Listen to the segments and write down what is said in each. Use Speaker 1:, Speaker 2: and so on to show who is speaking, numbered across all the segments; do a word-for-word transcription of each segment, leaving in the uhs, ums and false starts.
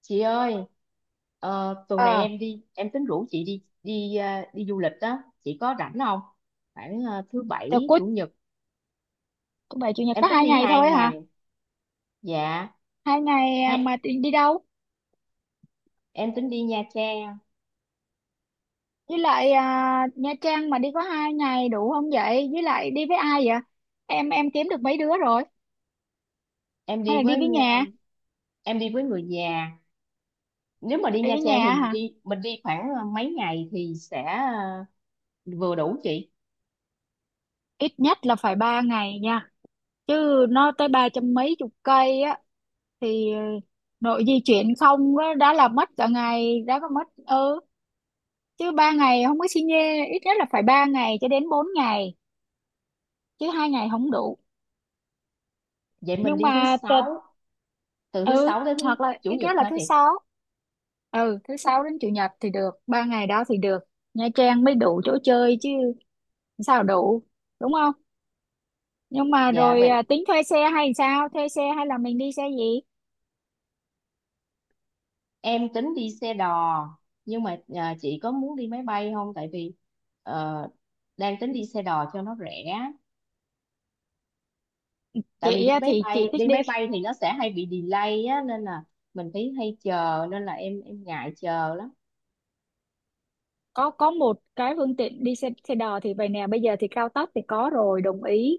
Speaker 1: Chị ơi, ờ, tuần này
Speaker 2: Ờ,
Speaker 1: em đi em tính rủ chị đi đi à, đi du lịch đó. Chị có rảnh không? Khoảng à, thứ
Speaker 2: rồi
Speaker 1: bảy,
Speaker 2: cuối
Speaker 1: chủ nhật.
Speaker 2: thứ bảy chủ nhật
Speaker 1: Em
Speaker 2: có
Speaker 1: tính
Speaker 2: hai
Speaker 1: đi
Speaker 2: ngày
Speaker 1: hai
Speaker 2: thôi hả?
Speaker 1: ngày. Dạ.
Speaker 2: Hai ngày à, mà
Speaker 1: Hay
Speaker 2: đi, đi đâu?
Speaker 1: em tính đi Nha Trang.
Speaker 2: Với lại à, Nha Trang mà đi có hai ngày đủ không vậy, với lại đi với ai vậy? Em em kiếm được mấy đứa rồi.
Speaker 1: em
Speaker 2: Hay
Speaker 1: đi
Speaker 2: là đi
Speaker 1: với
Speaker 2: với
Speaker 1: à,
Speaker 2: nhà?
Speaker 1: em đi với người già. Nếu mà đi
Speaker 2: Đi
Speaker 1: Nha
Speaker 2: với
Speaker 1: Trang thì
Speaker 2: nhà
Speaker 1: mình
Speaker 2: hả?
Speaker 1: đi mình đi khoảng à, mấy ngày thì sẽ à, vừa đủ chị.
Speaker 2: Ít nhất là phải ba ngày nha, chứ nó tới ba trăm mấy chục cây á, thì nội di chuyển không á, đã là mất cả ngày đã, có mất. Ừ, chứ ba ngày không có xi nhê, ít nhất là phải ba ngày cho đến bốn ngày, chứ hai ngày không đủ.
Speaker 1: Vậy mình
Speaker 2: Nhưng
Speaker 1: đi thứ
Speaker 2: mà t-
Speaker 1: sáu, từ thứ
Speaker 2: ừ,
Speaker 1: sáu đến thứ
Speaker 2: hoặc là
Speaker 1: chủ
Speaker 2: ít
Speaker 1: nhật
Speaker 2: nhất là
Speaker 1: hả
Speaker 2: thứ
Speaker 1: chị?
Speaker 2: sáu. Ừ, thứ sáu đến chủ nhật thì được ba ngày đó thì được, Nha Trang mới đủ chỗ chơi chứ, sao đủ, đúng không? Nhưng mà
Speaker 1: Dạ
Speaker 2: rồi
Speaker 1: vậy.
Speaker 2: à, tính thuê xe hay sao, thuê xe hay là mình đi xe gì?
Speaker 1: Em tính đi xe đò, nhưng mà à, chị có muốn đi máy bay không, tại vì ờ, đang tính đi xe đò cho nó rẻ. Tại vì
Speaker 2: Chị
Speaker 1: đi
Speaker 2: á
Speaker 1: máy
Speaker 2: thì chị
Speaker 1: bay
Speaker 2: thích
Speaker 1: đi
Speaker 2: đi,
Speaker 1: máy bay thì nó sẽ hay bị delay á, nên là mình phải hay chờ, nên là em em ngại chờ lắm.
Speaker 2: có có một cái phương tiện đi xe xe đò thì vậy nè, bây giờ thì cao tốc thì có rồi, đồng ý,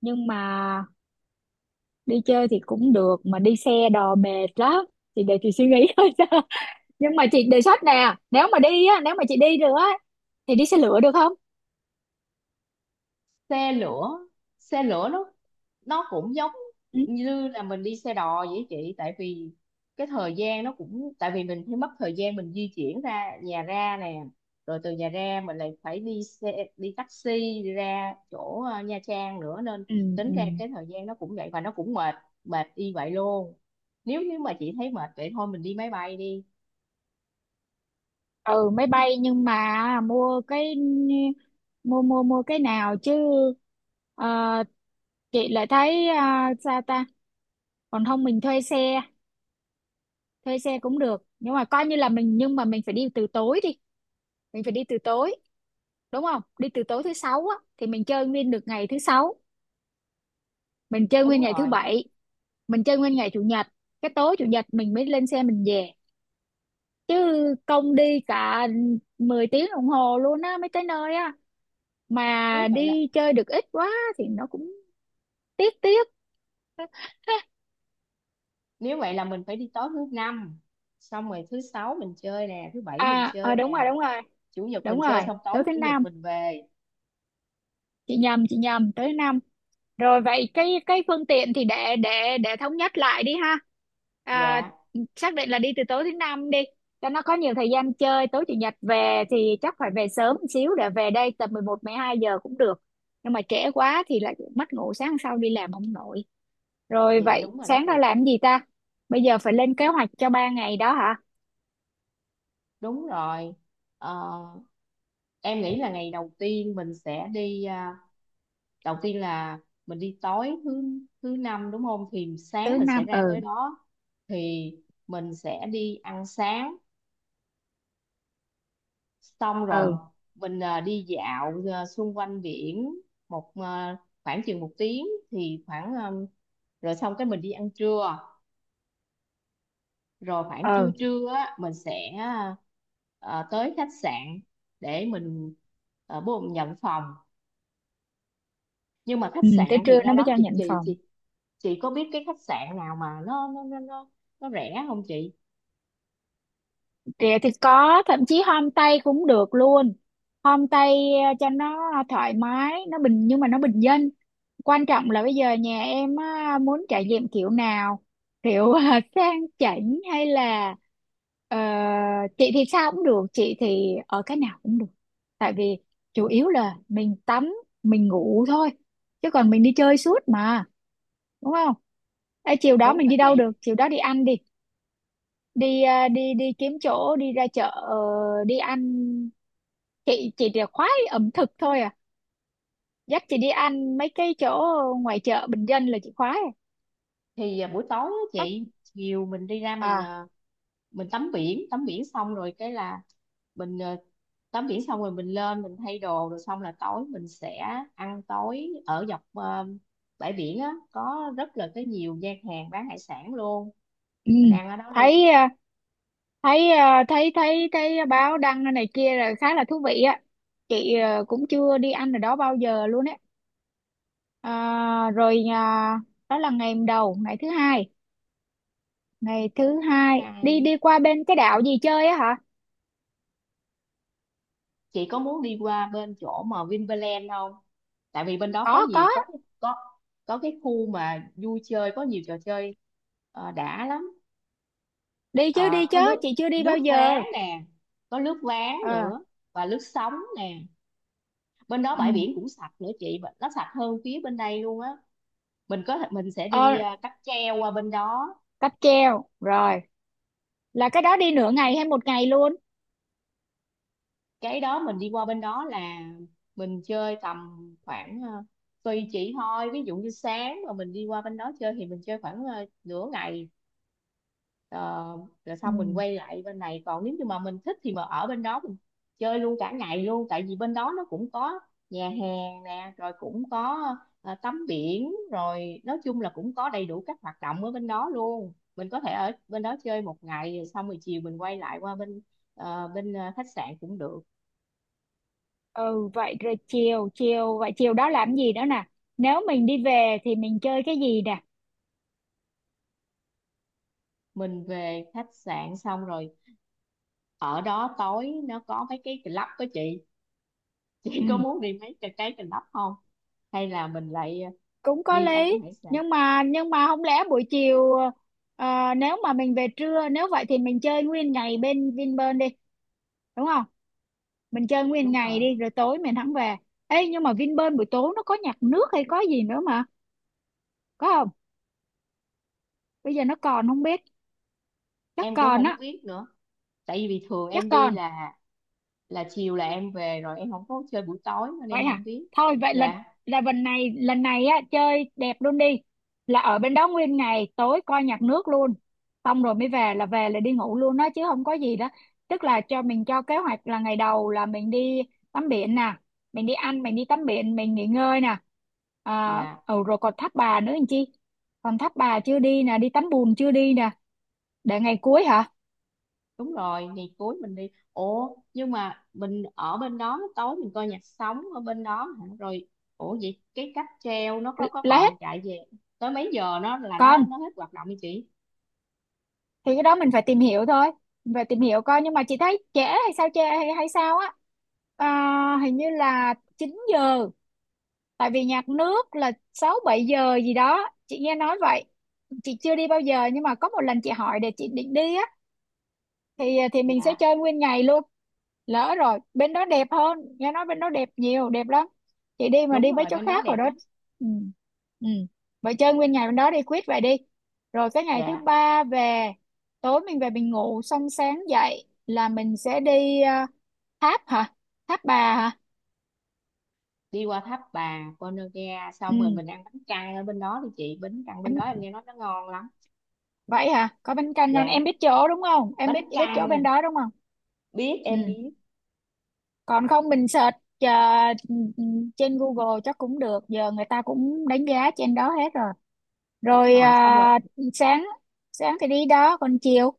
Speaker 2: nhưng mà đi chơi thì cũng được mà đi xe đò mệt lắm, thì để chị suy nghĩ thôi. Nhưng mà chị đề xuất nè, nếu mà đi á, nếu mà chị đi được á thì đi xe lửa được không?
Speaker 1: Xe lửa. Xe lửa nó nó cũng giống
Speaker 2: Ừ.
Speaker 1: như là mình đi xe đò vậy chị, tại vì cái thời gian nó cũng, tại vì mình phải mất thời gian mình di chuyển ra nhà ra nè, rồi từ nhà ra mình lại phải đi xe, đi taxi đi ra chỗ ờ, Nha Trang nữa, nên
Speaker 2: Ừ,
Speaker 1: tính
Speaker 2: ừ,
Speaker 1: ra cái thời gian nó cũng vậy, và nó cũng mệt, mệt y vậy luôn. Nếu như mà chị thấy mệt vậy thôi mình đi máy bay đi.
Speaker 2: ừ máy bay nhưng mà mua cái, mua mua mua cái nào chứ? ờ, chị lại thấy à, sao ta? Còn không mình thuê xe, thuê xe cũng được, nhưng mà coi như là mình, nhưng mà mình phải đi từ tối đi, mình phải đi từ tối, đúng không? Đi từ tối thứ sáu á thì mình chơi nguyên được ngày thứ sáu, mình chơi
Speaker 1: Đúng
Speaker 2: nguyên ngày thứ
Speaker 1: rồi.
Speaker 2: bảy, mình chơi nguyên ngày chủ nhật, cái tối chủ nhật mình mới lên xe mình về. Chứ công đi cả mười tiếng đồng hồ luôn á mấy cái nơi á,
Speaker 1: nếu
Speaker 2: mà
Speaker 1: vậy là
Speaker 2: đi chơi được ít quá, thì nó cũng tiếc, tiếc.
Speaker 1: Nếu vậy là mình phải đi tối thứ năm, xong rồi thứ sáu mình chơi nè, thứ bảy mình
Speaker 2: À, à
Speaker 1: chơi
Speaker 2: đúng
Speaker 1: nè,
Speaker 2: rồi, đúng rồi.
Speaker 1: chủ nhật
Speaker 2: Đúng
Speaker 1: mình chơi
Speaker 2: rồi,
Speaker 1: xong
Speaker 2: tới
Speaker 1: tối
Speaker 2: thứ
Speaker 1: chủ nhật
Speaker 2: năm.
Speaker 1: mình về.
Speaker 2: Chị nhầm chị nhầm, tới thứ năm. Rồi vậy cái cái phương tiện thì để để để thống nhất lại đi ha. à,
Speaker 1: Dạ.
Speaker 2: Xác định là đi từ tối thứ năm đi, cho nó có nhiều thời gian chơi, tối chủ nhật về thì chắc phải về sớm một xíu để về đây tầm mười một hai giờ cũng được, nhưng mà trễ quá thì lại mất ngủ sáng sau đi làm không nổi. Rồi
Speaker 1: Dạ
Speaker 2: vậy
Speaker 1: đúng rồi đó
Speaker 2: sáng ra
Speaker 1: chị.
Speaker 2: làm gì ta? Bây giờ phải lên kế hoạch cho ba ngày đó hả?
Speaker 1: Đúng rồi. Ờ, em nghĩ là ngày đầu tiên mình sẽ đi, à, đầu tiên là mình đi tối thứ thứ năm đúng không, thì sáng
Speaker 2: Thứ
Speaker 1: mình sẽ
Speaker 2: năm,
Speaker 1: ra
Speaker 2: ừ.
Speaker 1: tới đó, thì mình sẽ đi ăn sáng, xong rồi
Speaker 2: Ừ,
Speaker 1: mình à, đi dạo à, xung quanh biển một à, khoảng chừng một tiếng, thì khoảng à, rồi xong cái mình đi ăn trưa, rồi khoảng trưa
Speaker 2: ừ,
Speaker 1: trưa á mình sẽ ờ, tới khách sạn để mình uh, bố nhận phòng. Nhưng mà khách
Speaker 2: ừ tới
Speaker 1: sạn
Speaker 2: trưa
Speaker 1: thì ra
Speaker 2: nó mới
Speaker 1: đó
Speaker 2: cho
Speaker 1: chị
Speaker 2: nhận
Speaker 1: chị
Speaker 2: phòng.
Speaker 1: chị chị có biết cái khách sạn nào mà nó nó nó nó, nó rẻ không chị?
Speaker 2: Rẻ thì có, thậm chí homestay cũng được luôn, homestay ờ, cho nó thoải mái, nó bình, nhưng mà nó bình dân. Quan trọng là bây giờ nhà em á, muốn trải nghiệm kiểu nào, kiểu ờ, sang chảnh hay là ờ, chị thì sao cũng được, chị thì ở cái nào cũng được, tại vì chủ yếu là mình tắm, mình ngủ thôi, chứ còn mình đi chơi suốt mà, đúng không? Ê, chiều đó
Speaker 1: Đúng
Speaker 2: mình
Speaker 1: rồi
Speaker 2: đi đâu
Speaker 1: chị.
Speaker 2: được, chiều đó đi ăn đi, đi à, đi đi kiếm chỗ, đi ra chợ, ờ, đi ăn. Chị chị chỉ khoái ẩm thực thôi à, dắt chị đi ăn mấy cái chỗ ngoài chợ bình dân là chị khoái à.
Speaker 1: Thì ờ, buổi tối á
Speaker 2: Có-
Speaker 1: chị, chiều mình đi ra mình,
Speaker 2: à,
Speaker 1: ờ, mình tắm biển tắm biển xong rồi cái là mình, ờ, tắm biển xong rồi mình lên mình thay đồ, rồi xong là tối mình sẽ ăn tối ở dọc ờ, bãi biển á, có rất là cái nhiều gian hàng bán hải sản luôn.
Speaker 2: ừ.
Speaker 1: Mình ăn ở đó
Speaker 2: Thấy
Speaker 1: luôn.
Speaker 2: à, thấy à, thấy thấy thấy báo đăng này kia là khá là thú vị á, chị à, cũng chưa đi ăn ở đó bao giờ luôn á. À, rồi à, đó là ngày đầu. Ngày thứ hai, ngày thứ hai đi
Speaker 1: Hay
Speaker 2: đi qua bên cái đảo gì chơi á hả?
Speaker 1: chị có muốn đi qua bên chỗ mà Vinpearl không? Tại vì bên đó có
Speaker 2: có
Speaker 1: nhiều,
Speaker 2: có
Speaker 1: có cái- có có cái khu mà vui chơi có nhiều trò chơi, ờ, đã lắm.
Speaker 2: đi chứ, đi
Speaker 1: Ờ, có
Speaker 2: chứ,
Speaker 1: nước
Speaker 2: chị chưa đi bao
Speaker 1: nước ván
Speaker 2: giờ.
Speaker 1: nè, có nước ván
Speaker 2: Ờ,
Speaker 1: nữa, và nước sóng nè. Bên đó
Speaker 2: ừ.
Speaker 1: bãi biển cũng sạch nữa chị, nó sạch hơn phía bên đây luôn á. Mình có thể mình sẽ
Speaker 2: Ờ,
Speaker 1: đi à, cáp treo qua bên đó.
Speaker 2: cáp treo rồi, là cái đó đi nửa ngày hay một ngày luôn?
Speaker 1: Cái đó mình đi qua bên đó là mình chơi tầm khoảng, à, tùy chị thôi, ví dụ như sáng mà mình đi qua bên đó chơi thì mình chơi khoảng à, nửa ngày. Ờ, Rồi
Speaker 2: Ừ.
Speaker 1: xong mình quay lại bên này, còn nếu như mà mình thích thì mà ở bên đó mình chơi luôn cả ngày luôn, tại vì bên đó nó cũng có nhà hàng nè, rồi cũng có ờ, tắm biển, rồi nói chung là cũng có đầy đủ các hoạt động ở bên đó luôn. Mình có thể ở bên đó chơi một ngày rồi xong rồi chiều mình quay lại qua bên ờ, bên ờ, khách sạn cũng được.
Speaker 2: Ừ, vậy rồi chiều, chiều vậy chiều đó làm gì nữa nè? Nếu mình đi về thì mình chơi cái gì nè?
Speaker 1: Mình về khách sạn xong rồi ở đó tối nó có mấy cái club đó chị. Chị có
Speaker 2: Ừ,
Speaker 1: muốn đi mấy cái cái club không, hay là mình lại
Speaker 2: cũng có
Speaker 1: đi ăn
Speaker 2: lý.
Speaker 1: hải sản?
Speaker 2: Nhưng mà, nhưng mà không lẽ buổi chiều, ờ, nếu mà mình về trưa, nếu vậy thì mình chơi nguyên ngày bên Vinpearl đi, đúng không? Mình chơi nguyên
Speaker 1: Đúng
Speaker 2: ngày
Speaker 1: rồi.
Speaker 2: đi, rồi tối mình hẳn về. Ê nhưng mà Vinpearl buổi tối nó có nhạc nước hay có gì nữa mà, có không? Bây giờ nó còn không biết, chắc
Speaker 1: Em cũng
Speaker 2: còn
Speaker 1: không
Speaker 2: á,
Speaker 1: biết nữa, tại vì bình thường em
Speaker 2: chắc
Speaker 1: đi
Speaker 2: còn.
Speaker 1: là, là chiều là em về rồi, em không có chơi buổi tối nên
Speaker 2: Vậy
Speaker 1: em
Speaker 2: hả?
Speaker 1: không biết.
Speaker 2: Thôi vậy lần,
Speaker 1: Dạ.
Speaker 2: là lần này, lần này á chơi đẹp luôn đi, là ở bên đó nguyên ngày, tối coi nhạc nước luôn, xong rồi mới về, là về là đi ngủ luôn đó, chứ không có gì đó. Tức là cho mình, cho kế hoạch là ngày đầu là mình đi tắm biển nè, mình đi ăn, mình đi tắm biển, mình nghỉ ngơi nè. À,
Speaker 1: Dạ
Speaker 2: ừ, rồi còn Tháp Bà nữa anh chi, còn Tháp Bà chưa đi nè, đi tắm bùn chưa đi nè, để ngày cuối hả?
Speaker 1: đúng rồi. Ngày cuối mình đi, ủa nhưng mà mình ở bên đó tối mình coi nhạc sống ở bên đó hả? Rồi ủa vậy cái cáp treo nó có
Speaker 2: L-
Speaker 1: có
Speaker 2: là hết.
Speaker 1: còn chạy về tới mấy giờ, nó là nó
Speaker 2: Còn
Speaker 1: nó hết hoạt động đi chị?
Speaker 2: thì cái đó mình phải tìm hiểu thôi, mình phải tìm hiểu coi, nhưng mà chị thấy trễ hay sao, trễ hay, hay sao á? À, hình như là chín giờ, tại vì nhạc nước là sáu bảy giờ gì đó chị nghe nói vậy, chị chưa đi bao giờ nhưng mà có một lần chị hỏi để chị định đi á, thì à, thì mình sẽ
Speaker 1: Dạ
Speaker 2: chơi nguyên ngày luôn. Lỡ rồi bên đó đẹp hơn, nghe nói bên đó đẹp nhiều, đẹp lắm, chị đi mà
Speaker 1: đúng
Speaker 2: đi mấy
Speaker 1: rồi,
Speaker 2: chỗ
Speaker 1: bên đó
Speaker 2: khác rồi
Speaker 1: đẹp
Speaker 2: đó.
Speaker 1: lắm.
Speaker 2: Ừ. Ừ, vậy chơi nguyên ngày bên đó đi, quyết vậy đi. Rồi cái ngày thứ
Speaker 1: Dạ,
Speaker 2: ba về, tối mình về mình ngủ xong, sáng dậy là mình sẽ đi, ờ, tháp hả, tháp bà hả?
Speaker 1: đi qua tháp bà Ponagar xong rồi
Speaker 2: Ừ,
Speaker 1: mình ăn bánh căn ở bên đó đi chị, bánh căn bên đó
Speaker 2: em,
Speaker 1: em nghe nói nó ngon lắm.
Speaker 2: vậy hả? Có bánh canh ngon em
Speaker 1: Dạ,
Speaker 2: biết chỗ đúng không, em
Speaker 1: bánh
Speaker 2: biết biết chỗ bên
Speaker 1: căn,
Speaker 2: đó đúng không?
Speaker 1: biết,
Speaker 2: Ừ,
Speaker 1: em biết.
Speaker 2: còn không mình search ờ, trên Google chắc cũng được, giờ người ta cũng đánh giá trên đó hết rồi.
Speaker 1: Đúng
Speaker 2: Rồi ờ,
Speaker 1: rồi, xong rồi
Speaker 2: sáng, sáng thì đi đó, còn chiều.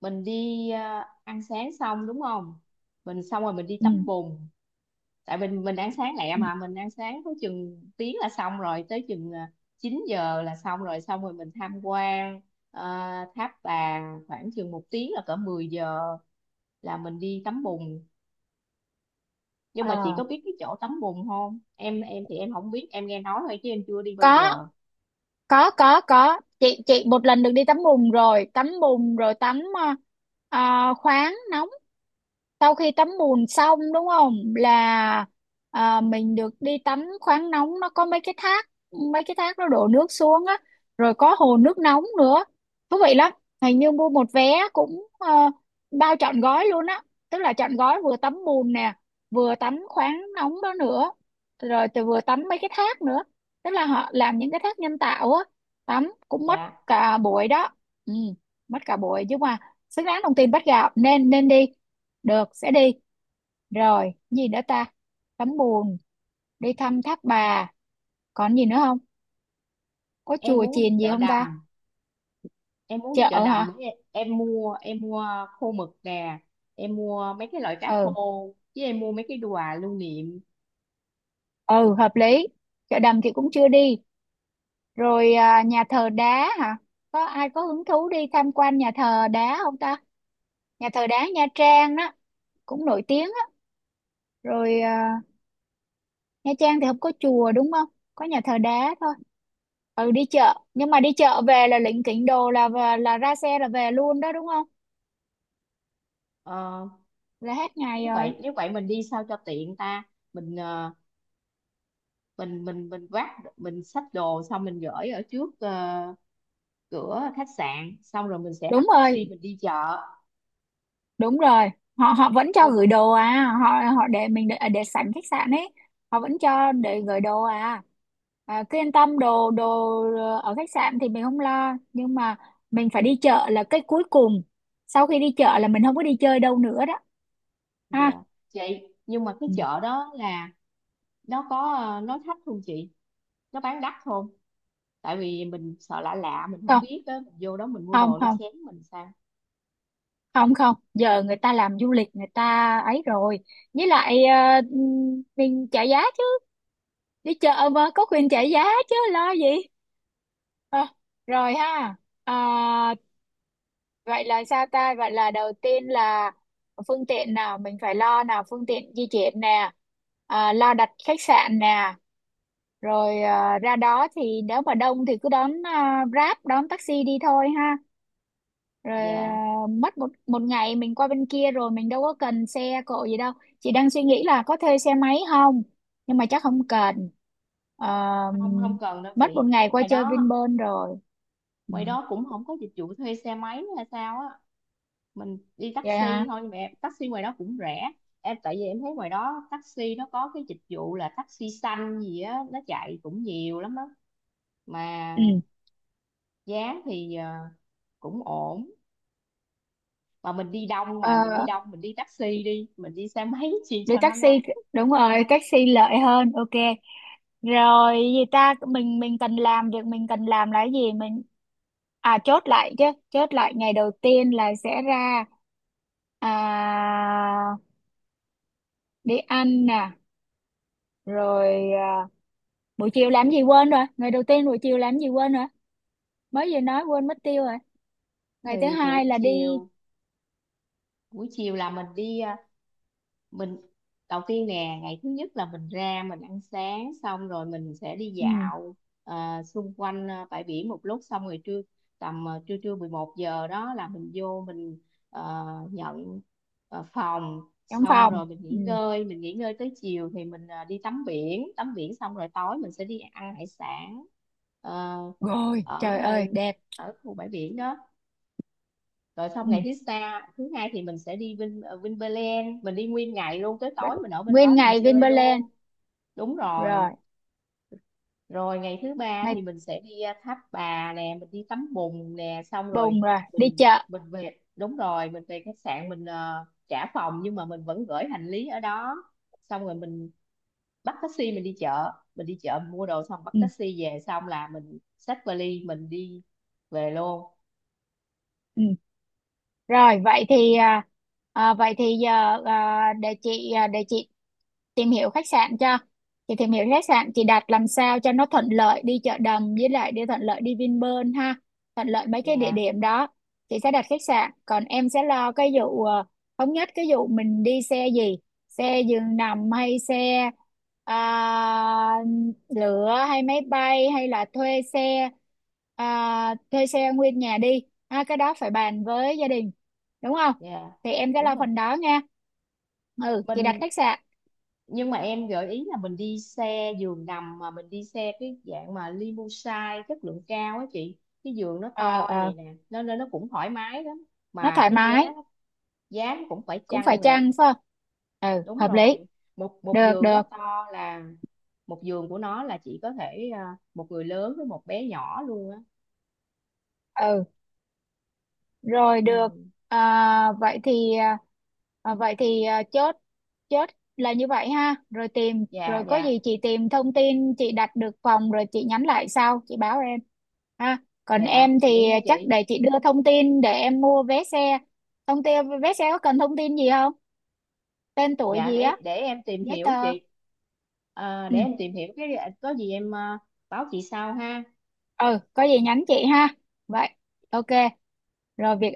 Speaker 1: mình đi à, ăn sáng xong đúng không, mình xong rồi mình đi
Speaker 2: Ừ.
Speaker 1: tắm bùn, tại mình mình ăn sáng lẹ,
Speaker 2: Ừ.
Speaker 1: mà mình ăn sáng có chừng tiếng là xong rồi, tới chừng à, chín giờ là xong rồi, xong rồi mình tham quan à, tháp bà khoảng chừng một tiếng là cỡ mười giờ, là mình đi tắm bùn. Nhưng mà chị
Speaker 2: Ờ,
Speaker 1: có biết cái chỗ tắm bùn không? Em em thì em không biết, em nghe nói thôi chứ em chưa đi bao
Speaker 2: có
Speaker 1: giờ.
Speaker 2: có có có chị chị một lần được đi tắm bùn rồi, tắm bùn rồi tắm ờ, ờ, khoáng nóng. Sau khi tắm bùn xong đúng không, là à, mình được đi tắm khoáng nóng, nó có mấy cái thác, mấy cái thác nó đổ nước xuống á, rồi có hồ nước nóng nữa, thú vị lắm. Hình như mua một vé cũng ờ, bao trọn gói luôn á, tức là trọn gói vừa tắm bùn nè, vừa tắm khoáng nóng đó nữa, rồi từ vừa tắm mấy cái thác nữa, tức là họ làm những cái thác nhân tạo á, tắm cũng mất
Speaker 1: Dạ.
Speaker 2: cả buổi đó. Ừ, mất cả buổi nhưng mà xứng đáng đồng tiền bắt gạo, nên nên đi được, sẽ đi. Rồi, gì nữa ta? Tắm bùn, đi thăm thác bà. Còn gì nữa không? Có
Speaker 1: Em
Speaker 2: chùa
Speaker 1: muốn đi
Speaker 2: chiền gì
Speaker 1: chợ
Speaker 2: không ta?
Speaker 1: đầm, em muốn đi chợ
Speaker 2: Chợ hả?
Speaker 1: đầm để em, em mua em mua khô mực nè, em mua mấy cái loại cá
Speaker 2: Ừ,
Speaker 1: khô, chứ em mua mấy cái quà lưu niệm.
Speaker 2: ừ, hợp lý. Chợ đầm thì cũng chưa đi. Rồi à, nhà thờ đá hả? Có ai có hứng thú đi tham quan nhà thờ đá không ta? Nhà thờ đá Nha Trang đó, cũng nổi tiếng á. Rồi à, Nha Trang thì không có chùa đúng không? Có nhà thờ đá thôi. Ừ, đi chợ. Nhưng mà đi chợ về là lỉnh kỉnh đồ, là là ra xe là về luôn đó đúng không?
Speaker 1: Ờ,
Speaker 2: Là hết
Speaker 1: nếu
Speaker 2: ngày rồi.
Speaker 1: vậy nếu vậy mình đi sao cho tiện ta. mình ờ, mình mình mình vác, mình xách đồ xong mình gửi ở trước ờ, cửa khách sạn, xong rồi mình sẽ
Speaker 2: Đúng
Speaker 1: bắt
Speaker 2: rồi,
Speaker 1: taxi mình đi chợ.
Speaker 2: đúng rồi, họ họ vẫn cho gửi
Speaker 1: Xong.
Speaker 2: đồ à, họ, họ để mình để, để sẵn khách sạn ấy, họ vẫn cho để gửi đồ, à, à cứ yên tâm đồ, đồ ở khách sạn thì mình không lo, nhưng mà mình phải đi chợ là cái cuối cùng, sau khi đi chợ là mình không có đi chơi đâu nữa đó
Speaker 1: Dạ
Speaker 2: ha.
Speaker 1: chị. Nhưng mà cái
Speaker 2: Ừ.
Speaker 1: chợ đó là nó có ờ, nó thấp không chị, nó bán đắt không? Tại vì mình sợ lạ, lạ mình không
Speaker 2: Không,
Speaker 1: biết á, mình vô đó mình mua
Speaker 2: không,
Speaker 1: đồ nó
Speaker 2: không,
Speaker 1: chém mình sao.
Speaker 2: không, không giờ người ta làm du lịch, người ta ấy rồi, với lại ờ, mình trả giá chứ, đi chợ mà có quyền trả giá chứ lo gì. Ờ, rồi ha. à, Vậy là sao ta, vậy là đầu tiên là phương tiện nào mình phải lo nào, phương tiện di chuyển nè, à, lo đặt khách sạn nè, rồi à, ra đó thì nếu mà đông thì cứ đón à, Grab, đón taxi đi thôi ha. Rồi
Speaker 1: Dạ
Speaker 2: à, mất một một ngày mình qua bên kia rồi mình đâu có cần xe cộ gì đâu, chị đang suy nghĩ là có thuê xe máy không, nhưng mà chắc không cần. Ờ,
Speaker 1: không, không cần đâu
Speaker 2: mất một
Speaker 1: chị,
Speaker 2: ngày qua
Speaker 1: ngoài
Speaker 2: chơi
Speaker 1: đó,
Speaker 2: Vinpearl rồi. Ừ.
Speaker 1: ngoài đó cũng không có dịch vụ thuê xe máy nữa hay sao á. Mình đi
Speaker 2: Vậy
Speaker 1: taxi
Speaker 2: hả?
Speaker 1: thôi, nhưng mà em, taxi ngoài đó cũng rẻ em, tại vì em thấy ngoài đó taxi nó có cái dịch vụ là taxi xanh gì á, nó chạy cũng nhiều lắm đó. Mà
Speaker 2: Ừ.
Speaker 1: giá thì ờ, cũng ổn. Mà mình đi đông
Speaker 2: Ờ,
Speaker 1: mà mình đi đông, mình đi taxi đi, mình đi xe máy chi
Speaker 2: đi
Speaker 1: cho nó
Speaker 2: taxi,
Speaker 1: ngắn.
Speaker 2: đúng rồi taxi lợi hơn, ok. Rồi gì ta, mình mình cần làm việc mình cần làm là cái gì mình, à chốt lại chứ, chốt lại ngày đầu tiên là sẽ ra, à, đi ăn nè, rồi à, buổi chiều làm gì quên rồi, ngày đầu tiên buổi chiều làm gì quên rồi, mới vừa nói quên mất tiêu rồi, ngày thứ
Speaker 1: Thì
Speaker 2: hai
Speaker 1: buổi
Speaker 2: là đi.
Speaker 1: chiều, buổi chiều là mình đi ờ, mình đầu tiên nè, ngày thứ nhất là mình ra mình ăn sáng, xong rồi mình sẽ đi
Speaker 2: Ừ,
Speaker 1: dạo à, xung quanh à, bãi biển một lúc, xong rồi trưa tầm à, trưa trưa mười một giờ đó là mình vô mình ờ, nhận ờ, phòng,
Speaker 2: trong
Speaker 1: xong
Speaker 2: phòng.
Speaker 1: rồi mình nghỉ
Speaker 2: Ừ.
Speaker 1: ngơi, mình nghỉ ngơi tới chiều thì mình à, đi tắm biển, tắm biển xong rồi tối mình sẽ đi ăn hải sản, ờ,
Speaker 2: Rồi
Speaker 1: ở
Speaker 2: trời ơi
Speaker 1: ờ,
Speaker 2: đẹp.
Speaker 1: ở khu bãi biển đó. Rồi xong
Speaker 2: Ừ.
Speaker 1: ngày thứ sa thứ hai thì mình sẽ đi Vin ờ, Vinpearl, mình đi nguyên ngày luôn, tới tối mình ở bên đó
Speaker 2: Nguyên
Speaker 1: mình
Speaker 2: ngày
Speaker 1: chơi
Speaker 2: Vinpearl.
Speaker 1: luôn. Đúng rồi.
Speaker 2: Rồi
Speaker 1: Rồi ngày thứ ba
Speaker 2: ngày
Speaker 1: thì mình sẽ đi ờ, Tháp Bà nè, mình đi tắm bùn nè, xong rồi
Speaker 2: buồn rồi đi
Speaker 1: mình
Speaker 2: chợ.
Speaker 1: mình về. Đúng rồi, mình về khách sạn mình ờ, trả phòng nhưng mà mình vẫn gửi hành lý ở đó, xong rồi mình bắt taxi mình đi chợ, mình đi chợ mua đồ xong bắt
Speaker 2: Ừ,
Speaker 1: taxi về, xong là mình xách vali mình đi về luôn.
Speaker 2: ừ. Rồi vậy thì à, à, vậy thì giờ, à, để chị, à, để chị tìm hiểu khách sạn cho, chị tìm hiểu khách sạn chị đặt làm sao cho nó thuận lợi đi chợ đầm, với lại đi thuận lợi đi Vinpearl ha, thuận lợi mấy cái địa
Speaker 1: Dạ.
Speaker 2: điểm đó. Chị sẽ đặt khách sạn, còn em sẽ lo cái vụ ờ, thống nhất cái vụ mình đi xe gì, xe giường nằm hay xe à, lửa hay máy bay hay là thuê xe. À, thuê xe nguyên nhà đi ha, cái đó phải bàn với gia đình đúng không,
Speaker 1: Dạ
Speaker 2: thì em sẽ
Speaker 1: đúng
Speaker 2: lo
Speaker 1: rồi.
Speaker 2: phần đó nha. Ừ, chị đặt
Speaker 1: Mình,
Speaker 2: khách sạn.
Speaker 1: nhưng mà em gợi ý là mình đi xe giường nằm, mà mình đi xe cái dạng mà limousine chất lượng cao á chị, cái giường nó
Speaker 2: Ờ,
Speaker 1: to
Speaker 2: ờ,
Speaker 1: vậy nè, nó nên nó cũng thoải mái lắm,
Speaker 2: nó
Speaker 1: mà
Speaker 2: thoải
Speaker 1: cái giá
Speaker 2: mái,
Speaker 1: giá nó cũng phải
Speaker 2: cũng phải
Speaker 1: chăng nữa.
Speaker 2: chăng phải không. Ừ,
Speaker 1: Đúng
Speaker 2: hợp lý,
Speaker 1: rồi, một một
Speaker 2: được,
Speaker 1: giường nó
Speaker 2: được.
Speaker 1: to là, một giường của nó là chỉ có thể à, một người lớn với một bé nhỏ luôn á.
Speaker 2: Ừ, rồi được.
Speaker 1: Ừ.
Speaker 2: À, vậy thì à, vậy thì à, chốt, chốt là như vậy ha. Rồi tìm,
Speaker 1: Dạ.
Speaker 2: rồi có
Speaker 1: Dạ.
Speaker 2: gì chị tìm thông tin chị đặt được phòng rồi chị nhắn lại sau chị báo em ha. Còn
Speaker 1: Dạ
Speaker 2: em
Speaker 1: vậy
Speaker 2: thì
Speaker 1: nha
Speaker 2: chắc
Speaker 1: chị.
Speaker 2: để chị đưa thông tin để em mua vé xe, thông tin vé xe có cần thông tin gì không, tên tuổi
Speaker 1: Dạ
Speaker 2: gì á,
Speaker 1: để để em tìm
Speaker 2: giấy
Speaker 1: hiểu
Speaker 2: tờ.
Speaker 1: chị. À,
Speaker 2: Ừ,
Speaker 1: để em tìm hiểu cái, có gì em à, báo chị sau ha.
Speaker 2: ừ, có gì nhắn chị ha. Vậy, ok. Rồi việc